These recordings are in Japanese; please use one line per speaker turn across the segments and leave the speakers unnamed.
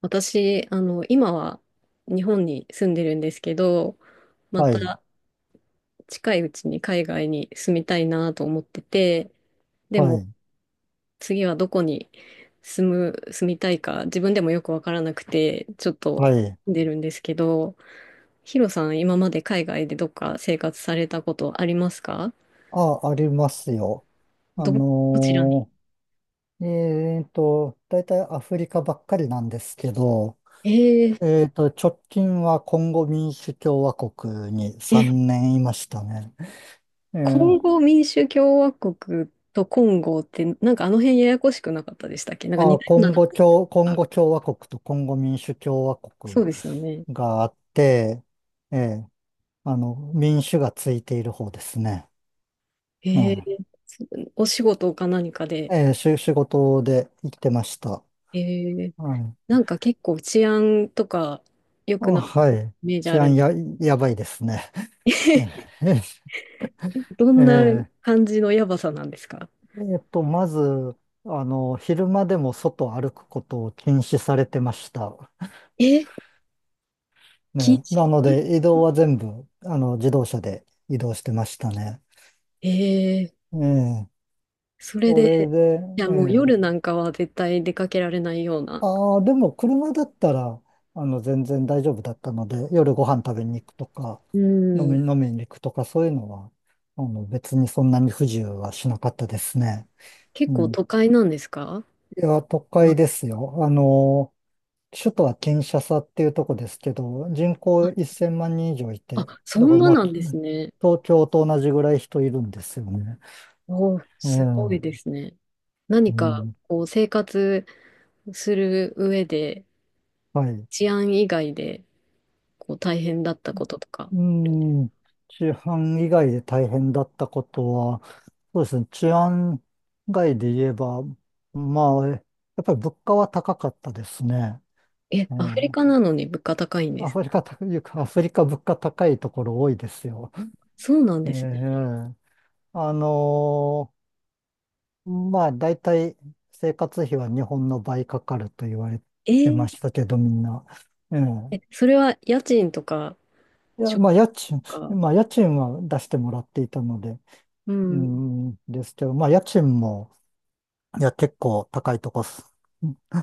私、今は日本に住んでるんですけど、ま
はい、
た近いうちに海外に住みたいなと思ってて、で
は
も
い、
次はどこに住みたいか自分でもよくわからなくて、ちょっと
はい。
住んでるんですけど、ヒロさん、今まで海外でどっか生活されたことありますか？
あ、ありますよ。あ
ど、どちらに？
の大体アフリカばっかりなんですけど、
えー、
直近はコンゴ民主共和国に
え、
3年いましたね。え
コン
ー、
ゴ民主共和国とコンゴって、なんかあの辺ややこしくなかったでしたっけ？なんか似
あ、
たような名前
コン
が。
ゴ共和国とコンゴ民主共和
そう
国
ですよね。
があって、えー、民主がついている方ですね。
へ
え
え、お仕事か何か
ー、
で。
えー、し仕事で生きてました。
へえ、
はい。
なんか結構治安とか良
あ、
くなさそ
は
うな
い。
イメージあ
治安
る。
や、やばいですね。え
どんな
え、
感じのやばさなんですか？
まず、昼間でも外を歩くことを禁止されてました。
え、禁
ね、
止。
なので、移動は全部、自動車で移動してましたね。
ええ、
ええ、
それ
これ
で、
で、
いや
え
もう
え、
夜なんかは絶対出かけられないような。
ああ、でも車だったら、全然大丈夫だったので、夜ご飯食べに行くとか、
う
飲み、
ん、
飲みに行くとか、そういうのは、別にそんなに不自由はしなかったですね。う
結構
ん。
都会なんですか？
いや、都
ま、
会ですよ。首都はキンシャサっていうとこですけど、人口1000万人以上い
あ、
て、
あ、そ
だか
ん
ら
な
まあ、
なんですね。
東京と同じぐらい人いるんですよね。
おー、
う
すご
ん、
い
う
ですね。何か
ん、
こう生活する上で
はい。
治安以外で、こう、大変だったこととか
う
ある。
ん、治安以外で大変だったことは、そうですね、治安外で言えば、まあ、やっぱり物価は高かったですね。
え、
え
アフリ
え。
カなのに物価高いんで
ア
す
フ
ね。
リカ、いうかアフリカ物価高いところ多いですよ。
そうなん
ええ。
ですね。
あのまあ、大体生活費は日本の倍かかると言われ
え
て
ー、
ましたけど、みんな。ええ。
え、それは家賃とか、
いや、
食
まあ、
費とか、
まあ、家賃は出してもらっていたので、
う
う
ん、
ん、ですけど、まあ、家賃も、いや、結構高いとこす、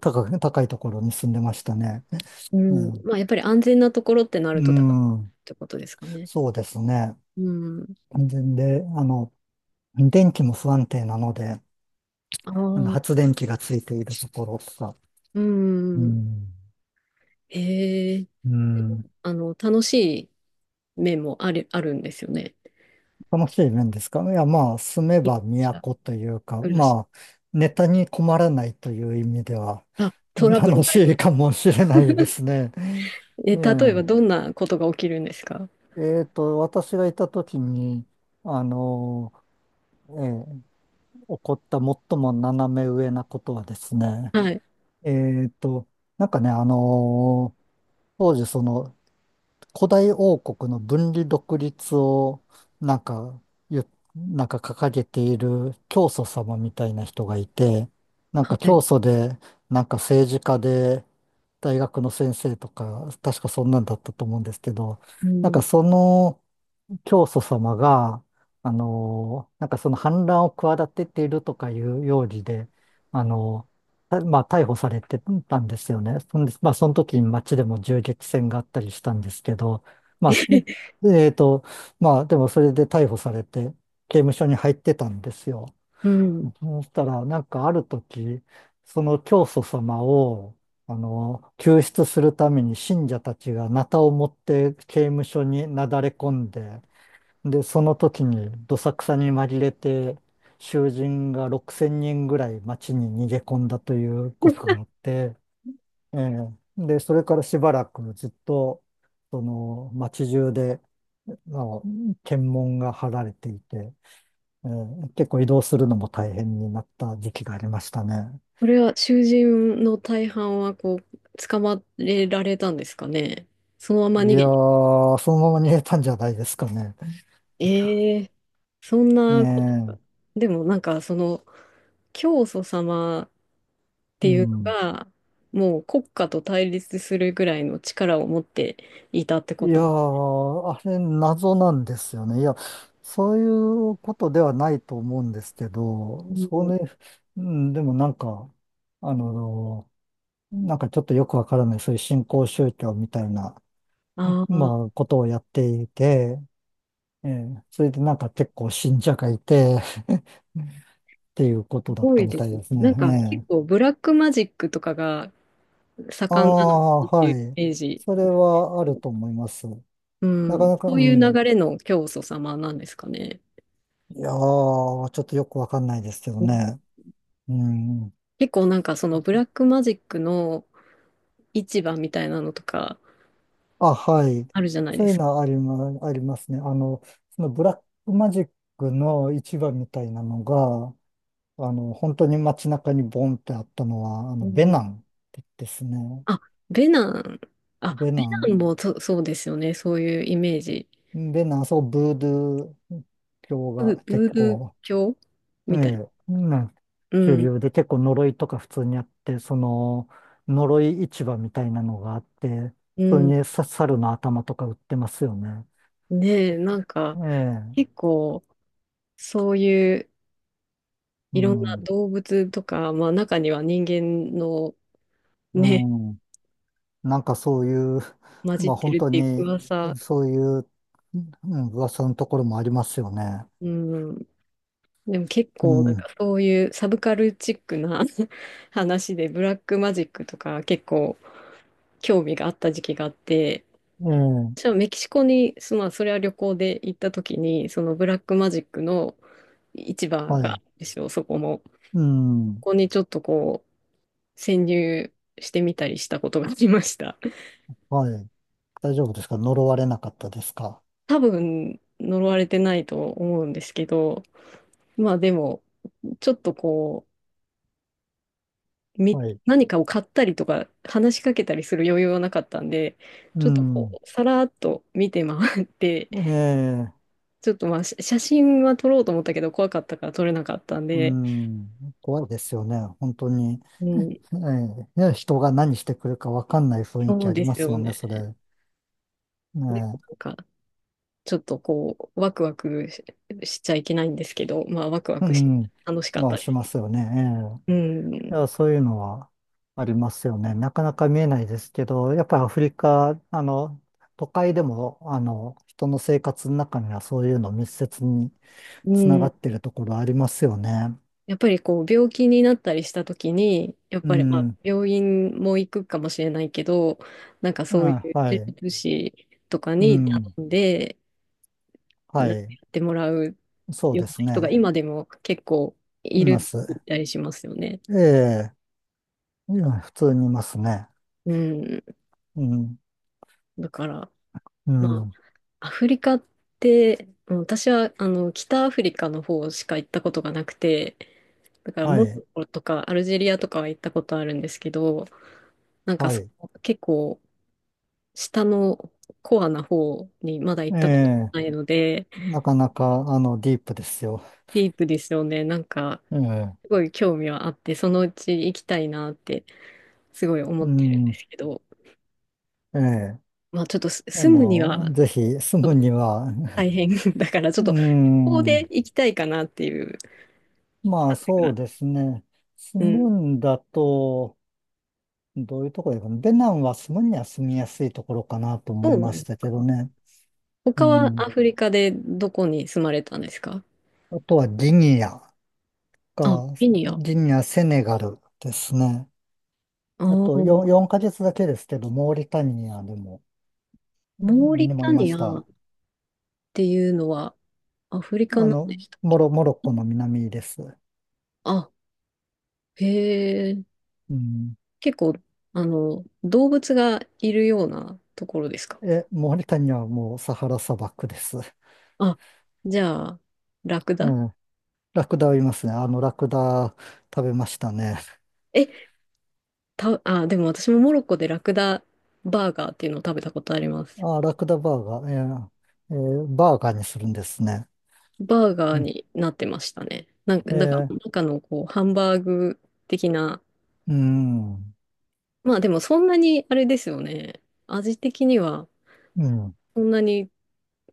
高く、高いところに住んでましたね。
う
う
ん。
ん、
まあ、やっぱり安全なところってなる
う
と高いっ
ん、
てことですかね。
そうですね。
うん。
で、電気も不安定なので、
ああ、
発電機がついているところとか、
う
う
ん。
ん、
ええ、
うん。
あの、楽しい面もあるんですよね。
楽しい面ですか？いや、まあ、住め
一
ば
社
都というか、
暮らし。
まあ、ネタに困らないという意味では、
あ、トラブル
楽
が
し
い
い
る。
かもしれないですね。
え、
え
例えばどんなことが起きるんですか？
え、私がいた時に、あの、えー起こった最も斜め上なことはですね、
はい。
えーと、なんかね、当時その、古代王国の分離独立を、なんか言、ゆなんか掲げている教祖様みたいな人がいて、なんか
は
教
い。
祖で、なんか政治家で、大学の先生とか、確かそんなんだったと思うんですけど、
う
なんか
ん。
その教祖様が、なんかその反乱を企てているとかいう容疑で、あの、たまあ逮捕されてたんですよね。そんで、まあその時に街でも銃撃戦があったりしたんですけど、まあ、すえっと、まあでもそれで逮捕されて刑務所に入ってたんですよ。
うん。
そしたら、なんかある時、その教祖様を、救出するために信者たちがナタを持って刑務所になだれ込んで、で、その時にどさくさに紛れて、囚人が6000人ぐらい街に逃げ込んだということがあって、ええ。で、それからしばらくずっと、その街中で、あの検問が張られていて、ええ、結構移動するのも大変になった時期がありましたね。
これは囚人の大半はこう、捕まえられたんですかね。そのまま逃
い
げ
や
に。
ー、そのまま逃げたんじゃないですかね。
ええ、そん
ね
なこ、
え、
でもなんかその、教祖様って
う
いうの
ん。
が、もう国家と対立するぐらいの力を持っていたって
い
こ
や
とな
ー、あれ謎なんですよね。いや、そういうことではないと思うんですけど、
の。
そ
うん、
うね、うん、でもなんか、あの、なんかちょっとよくわからない、そういう新興宗教みたいな、
ああ、
まあ、ことをやっていて、ええ。それでなんか結構信者がいて、っていうこ
す
とだっ
ご
た
い
み
で
たい
すね。
です
なんか
ね。
結
え
構
え。
ブラックマジックとかが
あ
盛んなのか
あ、
なってい
は
う
い。
イメージ。
それはあると思います。
う
なか
ん、
なか、
そ
う
ういう
ん。
流れの教祖様なんですかね。
いやー、ちょっとよくわかんないですけど
うん、
ね。うん。
結構なんかそのブラックマジックの市場みたいなのとか
あ、はい。
あるじゃない
そ
で
ういう
すか。
のはありますね。そのブラックマジックの市場みたいなのが、本当に街中にボンってあったのは、
う
ベ
ん、
ナンってですね。
あ、ベナン。あ、
ベ
ベ
ナ
ナン
ン。
もそ、そうですよね。そういうイメージ。
ベナン、そう、ブードゥー教が
ブ
結
ードゥー
構、
教
え
みたい。
え、うん、
う
主
ん。
流で結構呪いとか普通にあって、その、呪い市場みたいなのがあって、
う
普通
ん。
にさ猿の頭とか売ってますよね。
ねえ、なんか
え
結
え。
構そういう
う
いろんな
ん。
動物とか、まあ中には人間の
う
ね、
ん、なんかそういう、
混じっ
まあ
て
本
るっ
当
ていう
に
噂。
そういう、うん、噂のところもありますよね。
うん。でも結
う
構なん
ん。
かそういうサブカルチックな 話でブラックマジックとか結構興味があった時期があって、
ええ、
私はメキシコに、まあそれは旅行で行った時に、そのブラックマジックの市場
は
があ
い。
るんですよ、そこも。
うん。
ここにちょっとこう潜入してみたりしたことがありました。
はい。大丈夫ですか？呪われなかったですか？
多分呪われてないと思うんですけど、まあでもちょっとこう、
はい。
何かを買ったりとか話しかけたりする余裕はなかったんで、
う
ちょっとこ
ん。
う、さらっと見て回って、
ええ、
ちょっとまあ、写真は撮ろうと思ったけど怖かったから撮れなかったん
う
で、
ん。怖いですよね。本当に。
うん、
ええ、いや人が何してくるかわかんない雰囲
そ
気あ
う
り
で
ま
す
す
よ
もんね、そ
ね。
れ。え
な
え、
んか、ちょっとこう、ワクワクし、しちゃいけないんですけど、まあ、ワクワ
う
クし、
ん。
楽しかっ
まあ、
たで
しま
す。
すよね。
うん、
いや、そういうのはありますよね。なかなか見えないですけど、やっぱりアフリカ、都会でも、人の生活の中にはそういうの密接に
う
つなが
ん、
ってるところありますよね。
やっぱりこう病気になったりした時にやっ
う
ぱりま
ん、う
あ
ん、
病院も行くかもしれないけど、なんかそうい
は
う呪
い、
術師とか
う
に頼
ん、
んで
は
なんか
い、
やってもらう
そう
ような
です
人が
ね。
今でも結構い
いま
る
す。
みたりしますよね。
ええ、いや普通にいますね。
うん、
うん、
だから
う
ま
ん、
あアフリカって、うん、私はあの北アフリカの方しか行ったことがなくて、だから
は
モロ
い、
ッコとかアルジェリアとかは行ったことあるんですけど、なんか
は
そ
い。
の結構下のコアな方にまだ行
え
ったこと
え、
ないので、
なかなか、ディープですよ。
ディープですよね。なんか、
ええ、
すごい興味はあって、そのうち行きたいなって、すごい思
う
ってるんで
ん、
すけど、
ええ。
まあちょっと住むには
ぜひ住むには、
大変 だから、ち
う
ょっ
ー
と、ここで
ん、
行きたいかなっていう
まあ
感じが。
そうですね。住
うん。
むんだと、どういうところかな。ベナンは住むには住みやすいところかなと
ど
思い
うな
ま
ん
し
です
たけど
か？
ね。う
他は
ん。
アフリカでどこに住まれたんですか？
あとは
あ、
か
ケニア。あ
ギニア、セネガルですね。
あ、
あと
モ
4ヶ月だけですけど、モーリタニア
ーリ
にも
タ
いま
ニ
し
アっ
た。
ていうのはアフリカ
あ
なん
の、
でした。
モロッコの南です。
あ、へえ。
うん。
結構、あの、動物がいるようなところですか？
え、モーリタニアはもうサハラ砂漠です。
あ、じゃあ、ラク
う
ダ。
ん。ラクダはいますね。ラクダ食べましたね。
え、た、あ、でも私もモロッコでラクダバーガーっていうのを食べたことあります。
あー、ラクダバーガー。バーガーにするんですね。
バーガー
うん。
になってましたね。なんか、
え
だか
ー、
ら中のこう、ハンバーグ的な、
うん、
まあでもそんなにあれですよね。味的には
うん。
そんなに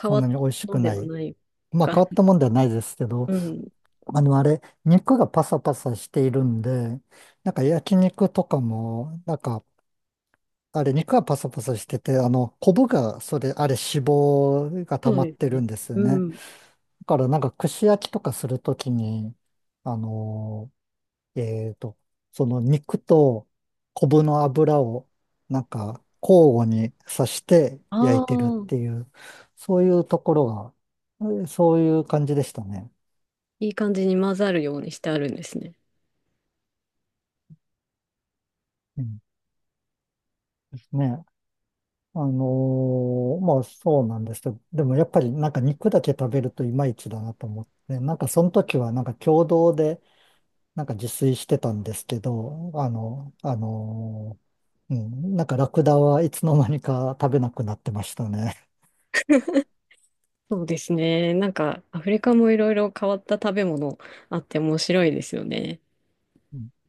変
そ
わ
ん
っ
な
た
に美味し
の
く
で
な
は
い。
ない
まあ、
か。
変わったもんではないですけど、
うん。
あれ、肉がパサパサしているんで、なんか焼肉とかも、なんか、あれ、肉がパサパサしてて、コブが、それ、あれ、脂肪が
そ
溜
う
まっ
です
てる
ね。
んですよ
う
ね。
ん。
だから、なんか、串焼きとかするときに、あのえーと、その肉と昆布の油をなんか交互に刺して焼い
あ
てるっ
あ、
ていう、そういうところが、そういう感じでしたね。
いい感じに混ざるようにしてあるんですね。
うん、ですね。まあそうなんですけど、でもやっぱりなんか肉だけ食べるといまいちだなと思って、なんかその時はなんか共同でなんか自炊してたんですけど、うん、なんかラクダはいつの間にか食べなくなってましたね。
そうですね。なんか、アフリカもいろいろ変わった食べ物あって面白いですよね。